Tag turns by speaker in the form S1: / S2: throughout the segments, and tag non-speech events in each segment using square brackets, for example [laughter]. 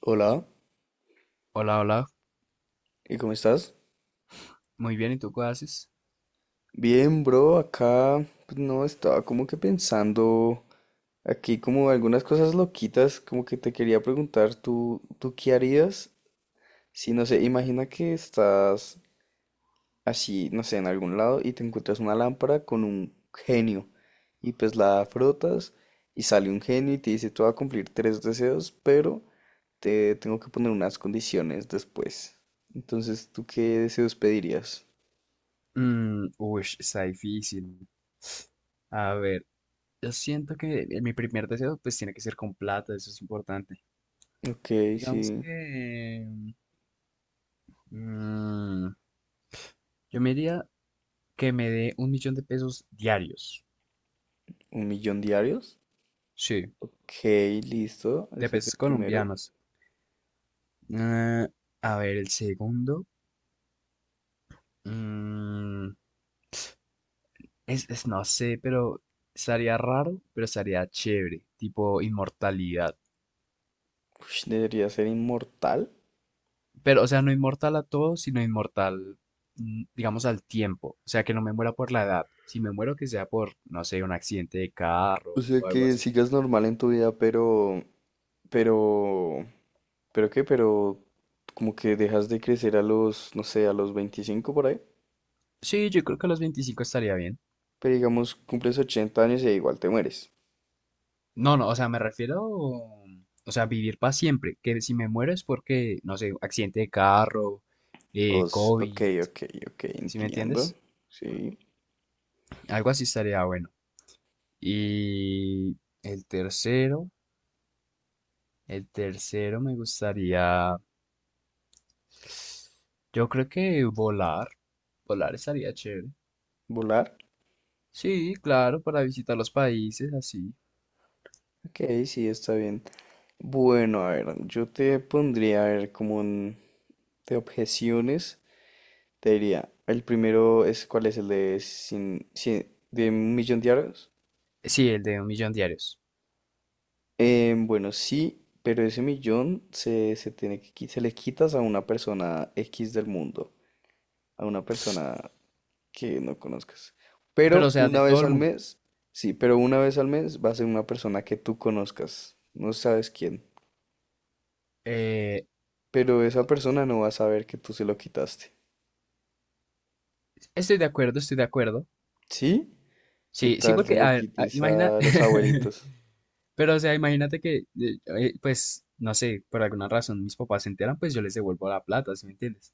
S1: Hola,
S2: Hola, hola.
S1: ¿y cómo estás?
S2: Muy bien, ¿y tú qué haces?
S1: Bien, bro, acá pues, no estaba como que pensando aquí como algunas cosas loquitas, como que te quería preguntar, ¿tú qué harías? Si no sé, imagina que estás así, no sé, en algún lado y te encuentras una lámpara con un genio y pues la frotas y sale un genio y te dice, tú vas a cumplir tres deseos, pero te tengo que poner unas condiciones después. Entonces, ¿tú qué deseos pedirías?
S2: Está difícil. A ver, yo siento que mi primer deseo pues tiene que ser con plata, eso es importante.
S1: Ok,
S2: Digamos
S1: sí.
S2: que mm, yo me diría que me dé 1.000.000 de pesos diarios.
S1: ¿Un millón diarios?
S2: Sí,
S1: Ok, listo.
S2: de
S1: Ese es
S2: pesos
S1: el primero.
S2: colombianos. Eh, a ver, el segundo. mm, no sé, pero estaría raro, pero estaría chévere. Tipo inmortalidad.
S1: Ush, debería ser inmortal.
S2: Pero, o sea, no inmortal a todo, sino inmortal, digamos, al tiempo. O sea, que no me muera por la edad. Si me muero, que sea por, no sé, un accidente de carro
S1: O sea
S2: o algo
S1: que
S2: así.
S1: sigas normal en tu vida, pero, pero como que dejas de crecer a los, no sé, a los 25 por ahí.
S2: Sí, yo creo que a los 25 estaría bien.
S1: Pero digamos, cumples 80 años y igual te mueres.
S2: No, no, o sea, me refiero, o sea, vivir para siempre. Que si me muero es porque, no sé, accidente de carro,
S1: Ok,
S2: COVID,
S1: ok, ok,
S2: ¿sí me
S1: entiendo.
S2: entiendes?
S1: Sí,
S2: Algo así estaría bueno. Y el tercero, el tercero me gustaría. Yo creo que volar, volar estaría chévere.
S1: volar.
S2: Sí, claro, para visitar los países, así.
S1: Ok, sí, está bien. Bueno, a ver, yo te pondría, a ver, como de objeciones. Te diría, el primero es, ¿cuál es el de, de un millón diarios?
S2: Sí, el de 1.000.000 diarios.
S1: Bueno, sí, pero ese millón se tiene que, se le quitas a una persona X del mundo, a una persona que no conozcas.
S2: Pero, o
S1: Pero
S2: sea, de
S1: una
S2: todo
S1: vez
S2: el
S1: al
S2: mundo.
S1: mes, sí, pero una vez al mes va a ser una persona que tú conozcas, no sabes quién,
S2: Eh,
S1: pero esa persona no va a saber que tú se lo quitaste.
S2: estoy de acuerdo, estoy de acuerdo.
S1: ¿Sí? ¿Qué
S2: Sí, sí,
S1: tal se
S2: porque,
S1: lo
S2: a ver,
S1: quites
S2: imagina,
S1: a los
S2: [laughs]
S1: abuelitos?
S2: pero, o sea, imagínate que, pues, no sé, por alguna razón mis papás se enteran, pues yo les devuelvo la plata, ¿sí me entiendes?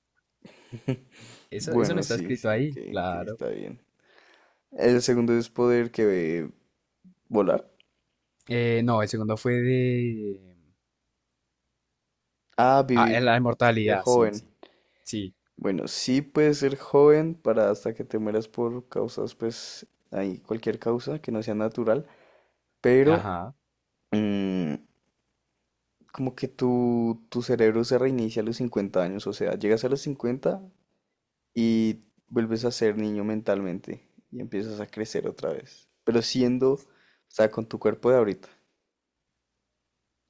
S2: Eso no
S1: Bueno,
S2: está
S1: sí,
S2: escrito
S1: sí,
S2: ahí,
S1: que
S2: claro.
S1: está bien. El segundo es poder que volar.
S2: No, el segundo fue de...
S1: Ah,
S2: Ah,
S1: vivir,
S2: la
S1: ser
S2: inmortalidad, sí,
S1: joven.
S2: sí. Sí,
S1: Bueno, sí puedes ser joven para hasta que te mueras por causas, pues, ahí cualquier causa que no sea natural, pero
S2: ajá.
S1: mm, como que tu cerebro se reinicia a los 50 años, o sea, llegas a los 50 y vuelves a ser niño mentalmente y empiezas a crecer otra vez, pero siendo, o sea, con tu cuerpo de ahorita,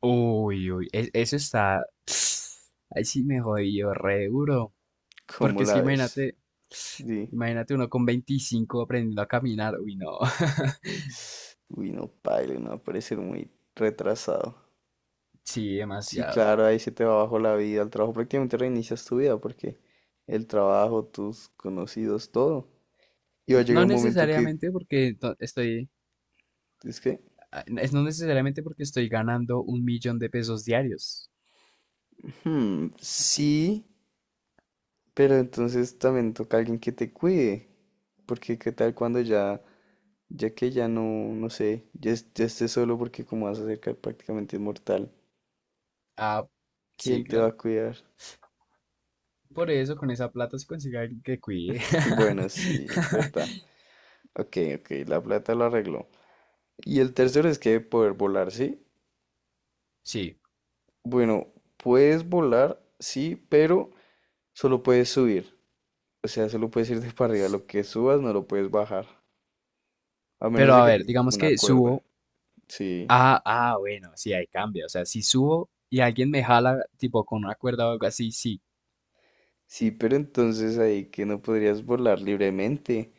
S2: Uy, uy, eso está. [sniffs] Ahí sí me jodió re duro.
S1: ¿cómo
S2: Porque es que
S1: la ves?
S2: imagínate,
S1: Sí.
S2: imagínate uno con 25 aprendiendo a caminar. Uy, no. [laughs]
S1: Uy, no, paila, no va a parecer muy retrasado.
S2: Sí,
S1: Sí,
S2: demasiado.
S1: claro, ahí se te va abajo la vida. El trabajo prácticamente reinicias tu vida porque el trabajo, tus conocidos, todo. Y va a
S2: No
S1: llegar un momento que
S2: necesariamente porque to- estoy.
S1: es que,
S2: Ah, es No necesariamente porque estoy ganando 1.000.000 de pesos diarios.
S1: hmm, sí, pero entonces también toca alguien que te cuide. Porque qué tal cuando ya, ya que ya no, no sé, ya, ya estés solo porque como vas a ser prácticamente inmortal,
S2: Ah, sí,
S1: ¿quién te va
S2: claro.
S1: a cuidar?
S2: Por eso con esa plata se consigue alguien que cuide.
S1: [laughs]
S2: [laughs]
S1: Bueno, sí, es verdad. Ok, ok, la plata lo arregló. Y el tercero es que poder volar, ¿sí?
S2: Sí.
S1: Bueno, puedes volar, sí, pero solo puedes subir. O sea, solo puedes ir de [laughs] para arriba. Lo que subas no lo puedes bajar. A menos
S2: Pero
S1: de
S2: a
S1: que
S2: ver,
S1: tengas como
S2: digamos
S1: una
S2: que
S1: cuerda.
S2: subo.
S1: Sí.
S2: Ah, ah, bueno, sí, ahí cambia. O sea, si subo y alguien me jala, tipo con una cuerda o algo así, sí.
S1: Sí, pero entonces ahí que no podrías volar libremente.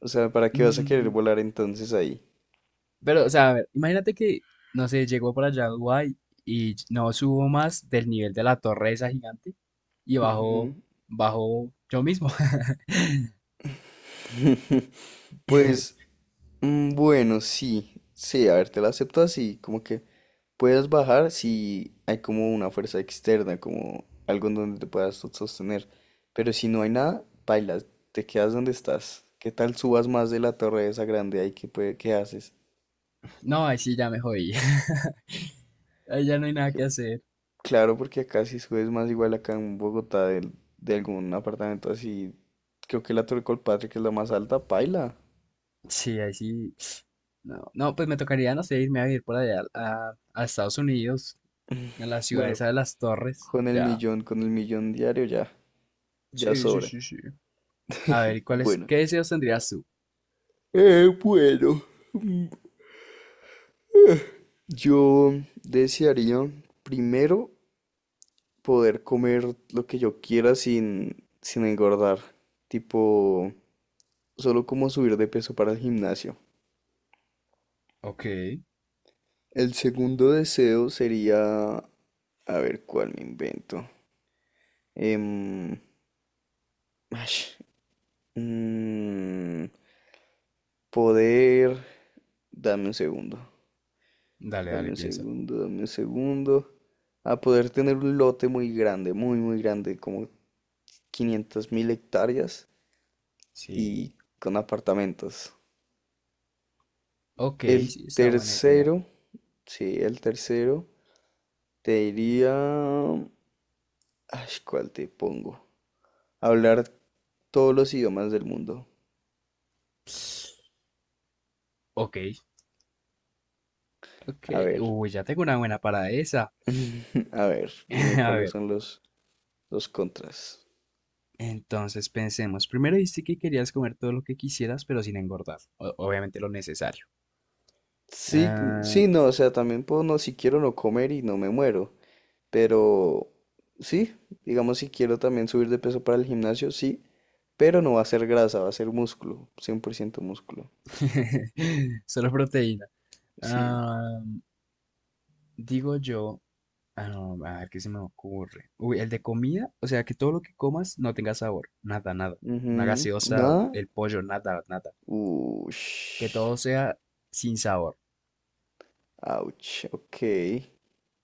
S1: O sea, ¿para qué vas a querer
S2: Mm,
S1: volar entonces ahí?
S2: pero, o sea, a ver, imagínate que, no sé, llego por allá a Dubái y no subo más del nivel de la torre esa gigante y bajo,
S1: Ujú.
S2: bajo yo mismo. [laughs]
S1: [laughs] Pues, bueno, sí. Sí, a ver, te la acepto así, como que puedes bajar si hay como una fuerza externa, como algo en donde te puedas sostener. Pero si no hay nada, bailas, te quedas donde estás. ¿Qué tal subas más de la torre esa grande ahí? ¿Qué haces?
S2: No, ahí sí ya me jodí. [laughs] Ahí ya no hay nada
S1: Que-
S2: que hacer.
S1: Claro, porque acá si subes más, igual acá en Bogotá de algún apartamento así, creo que la Torre Colpatria, que es la más alta, paila.
S2: Sí, ahí sí. No, no, pues me tocaría, no sé, irme a vivir por allá a Estados Unidos, a la ciudad
S1: Bueno,
S2: esa de las torres. Ya.
S1: con el millón diario ya,
S2: Sí, sí,
S1: sobra.
S2: sí, sí. A ver, ¿y cuáles,
S1: Bueno.
S2: qué deseos tendrías tú?
S1: Bueno. Yo desearía primero poder comer lo que yo quiera sin engordar, tipo solo como subir de peso para el gimnasio.
S2: Ok,
S1: El segundo deseo sería, a ver cuál me invento, Em, ash, mm, poder, dame un segundo,
S2: dale, dale, piensa.
S1: dame un segundo, a poder tener un lote muy grande, muy, muy grande, como 500 mil hectáreas y
S2: Sí.
S1: con apartamentos.
S2: Ok,
S1: El
S2: sí, está buena idea.
S1: tercero, sí, el tercero, te diría... Ay, ¿cuál te pongo? Hablar todos los idiomas del mundo.
S2: Ok, ok.
S1: A ver,
S2: Uy, ya tengo una buena para esa.
S1: [laughs] a ver,
S2: [laughs]
S1: dime
S2: A
S1: cuáles
S2: ver,
S1: son los contras.
S2: entonces pensemos. Primero dijiste que querías comer todo lo que quisieras, pero sin engordar. Obviamente lo necesario.
S1: Sí,
S2: Ah,
S1: sí, no, o sea, también puedo, no, si quiero no comer y no me muero, pero sí, digamos si quiero también subir de peso para el gimnasio, sí, pero no va a ser grasa, va a ser músculo, 100% músculo.
S2: [laughs] solo proteína.
S1: Sí.
S2: Ah, digo yo. Ah, no, a ver qué se me ocurre. Uy, el de comida, o sea, que todo lo que comas no tenga sabor, nada, nada. Una
S1: Ujú,
S2: gaseosa,
S1: ¿nada?
S2: el pollo, nada, nada. Que
S1: Ush.
S2: todo sea sin sabor.
S1: Ouch. Ok.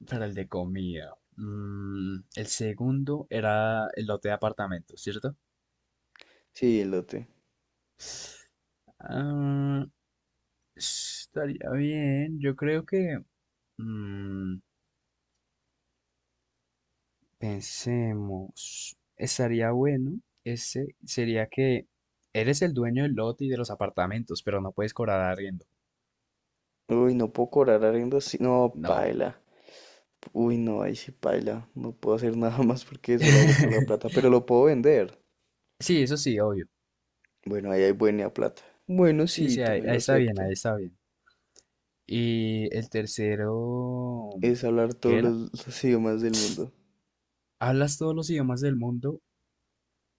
S2: Para el de comida. El segundo era el lote de apartamento, ¿cierto?
S1: Sí, elote.
S2: Ah, estaría bien. Yo creo que mm, pensemos. Estaría bueno. Ese sería que eres el dueño del lote y de los apartamentos, pero no puedes cobrar arriendo.
S1: Uy, no puedo cobrar arriendo así. No,
S2: No.
S1: paila. Uy, no, ahí sí paila. No puedo hacer [laughs] nada más porque eso lo hago por la plata.
S2: [laughs]
S1: Pero lo puedo vender.
S2: Sí, eso sí, obvio.
S1: Bueno, ahí hay buena plata. Bueno,
S2: Sí,
S1: sí,
S2: sí, ahí,
S1: también
S2: ahí
S1: lo
S2: está bien,
S1: acepto.
S2: ahí está bien. Y el tercero,
S1: Es hablar todos
S2: ¿qué era?
S1: los idiomas del mundo.
S2: Hablas todos los idiomas del mundo,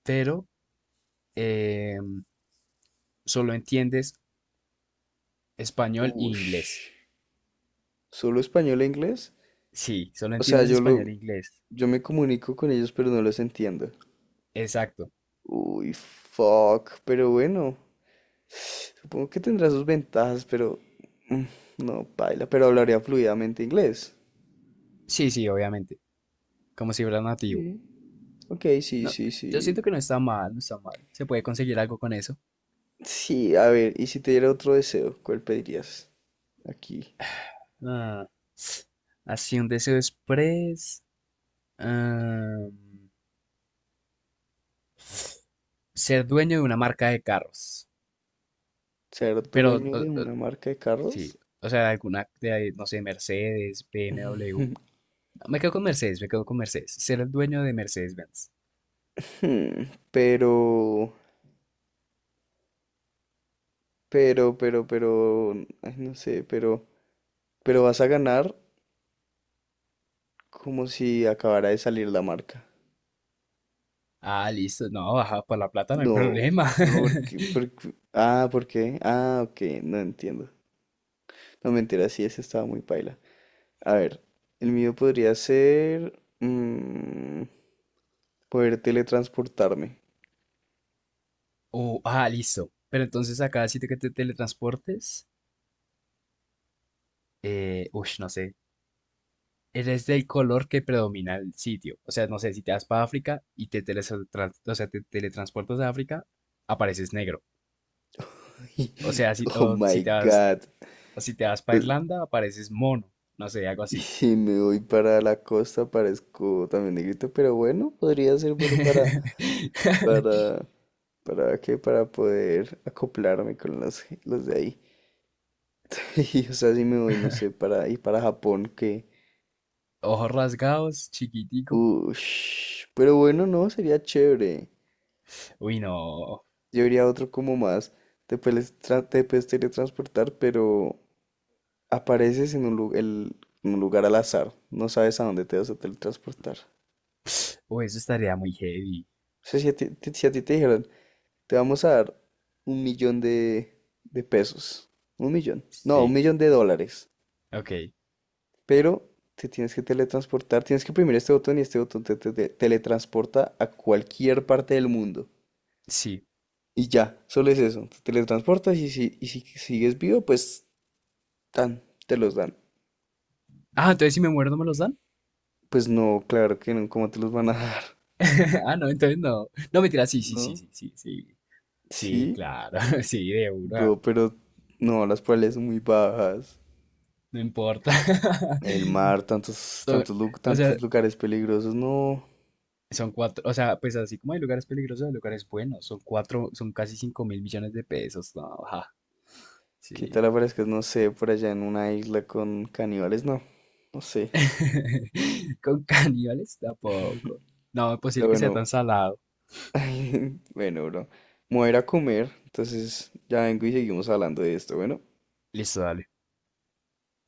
S2: pero em, solo entiendes español e
S1: Ush.
S2: inglés.
S1: ¿Solo español e inglés?
S2: Sí, solo
S1: O sea,
S2: entiendes español e inglés.
S1: yo me comunico con ellos, pero no los entiendo.
S2: Exacto.
S1: Uy, fuck. Pero bueno. Supongo que tendrá sus ventajas, pero mm, no, paila, pero hablaría fluidamente inglés.
S2: Sí, sí, obviamente. Como si fuera nativo.
S1: Sí. Ok, sí,
S2: No,
S1: sí,
S2: yo siento que
S1: sí.
S2: no está mal, no está mal. Se puede conseguir algo con eso.
S1: Sí, a ver, y si te diera otro deseo, ¿cuál pedirías? Aquí,
S2: Ah, así un deseo express. Ah, ser dueño de una marca de carros.
S1: ser
S2: Pero,
S1: dueño de una marca de
S2: sí,
S1: carros.
S2: o sea, alguna, de, ahí, no sé, Mercedes, BMW.
S1: [laughs]
S2: No, me quedo con Mercedes, me quedo con Mercedes. Ser el dueño de Mercedes-Benz.
S1: Hmm, Pero, pero, pero, pero, ay, no sé, pero vas a ganar como si acabara de salir la marca.
S2: Ah, listo. No, ajá, por la plata no hay
S1: No,
S2: problema.
S1: no,
S2: [laughs]
S1: ¿por qué? Ah, ok, no entiendo. No, mentira, sí, ese estaba muy paila. A ver, el mío podría ser... poder teletransportarme.
S2: Oh, ah, listo. Pero entonces acá sitio que te teletransportes, uy, no sé, eres del color que predomina el sitio. O sea, no sé, si te vas para África y te, o sea, te teletransportas a África, apareces negro. O sea, si,
S1: [laughs] Oh
S2: o si
S1: my
S2: te vas.
S1: God.
S2: O si te vas para
S1: Eh,
S2: Irlanda, apareces mono. No sé, algo
S1: Y
S2: así.
S1: si me voy para la costa, parezco también negrito, pero bueno, podría ser bueno
S2: [laughs]
S1: para... ¿Para qué? Para poder acoplarme con los de ahí. [laughs] Y, o sea, si me voy, no sé, para... y para Japón, que...
S2: Ojos rasgados, chiquitico.
S1: Ush. Pero bueno, no, sería chévere.
S2: Uy, no.
S1: Yo diría otro como más, te puedes teletransportar, pero apareces en un lugar al azar, no sabes a dónde te vas a teletransportar.
S2: Uy, eso estaría muy heavy.
S1: O sea, si a ti te dijeran, te vamos a dar un millón de pesos, un millón, no, un
S2: Sí,
S1: millón de dólares,
S2: ok,
S1: pero te tienes que teletransportar, tienes que oprimir este botón y este botón te teletransporta a cualquier parte del mundo.
S2: sí.
S1: Y ya, solo es eso, te teletransportas y si sigues vivo, pues tan, te los dan.
S2: Ah, entonces si me muero no me los dan.
S1: Pues no, claro que no, ¿cómo te los van a [laughs] dar?
S2: [laughs] Ah, no, entonces no. No, mentira, sí, sí, sí,
S1: ¿No?
S2: sí, sí, sí. Sí,
S1: Sí,
S2: claro, [laughs] sí, de una.
S1: bro, pero no, las probabilidades son muy bajas.
S2: No importa. [laughs]
S1: El mar,
S2: Son- o sea,
S1: tantos lugares peligrosos, no.
S2: son cuatro, o sea, pues así como hay lugares peligrosos, hay lugares buenos. Son cuatro, son casi 5.000.000.000 de pesos. No, ajá,
S1: ¿Qué
S2: sí.
S1: tal aparezcas, no sé, por allá en una isla con caníbales? No, no sé.
S2: [laughs] ¿Con caníbales? Tampoco. No, es
S1: Pero
S2: posible que sea
S1: bueno,
S2: tan salado.
S1: [laughs] bueno, bro, me voy a ir a comer, entonces ya vengo y seguimos hablando de esto, bueno.
S2: Listo, dale.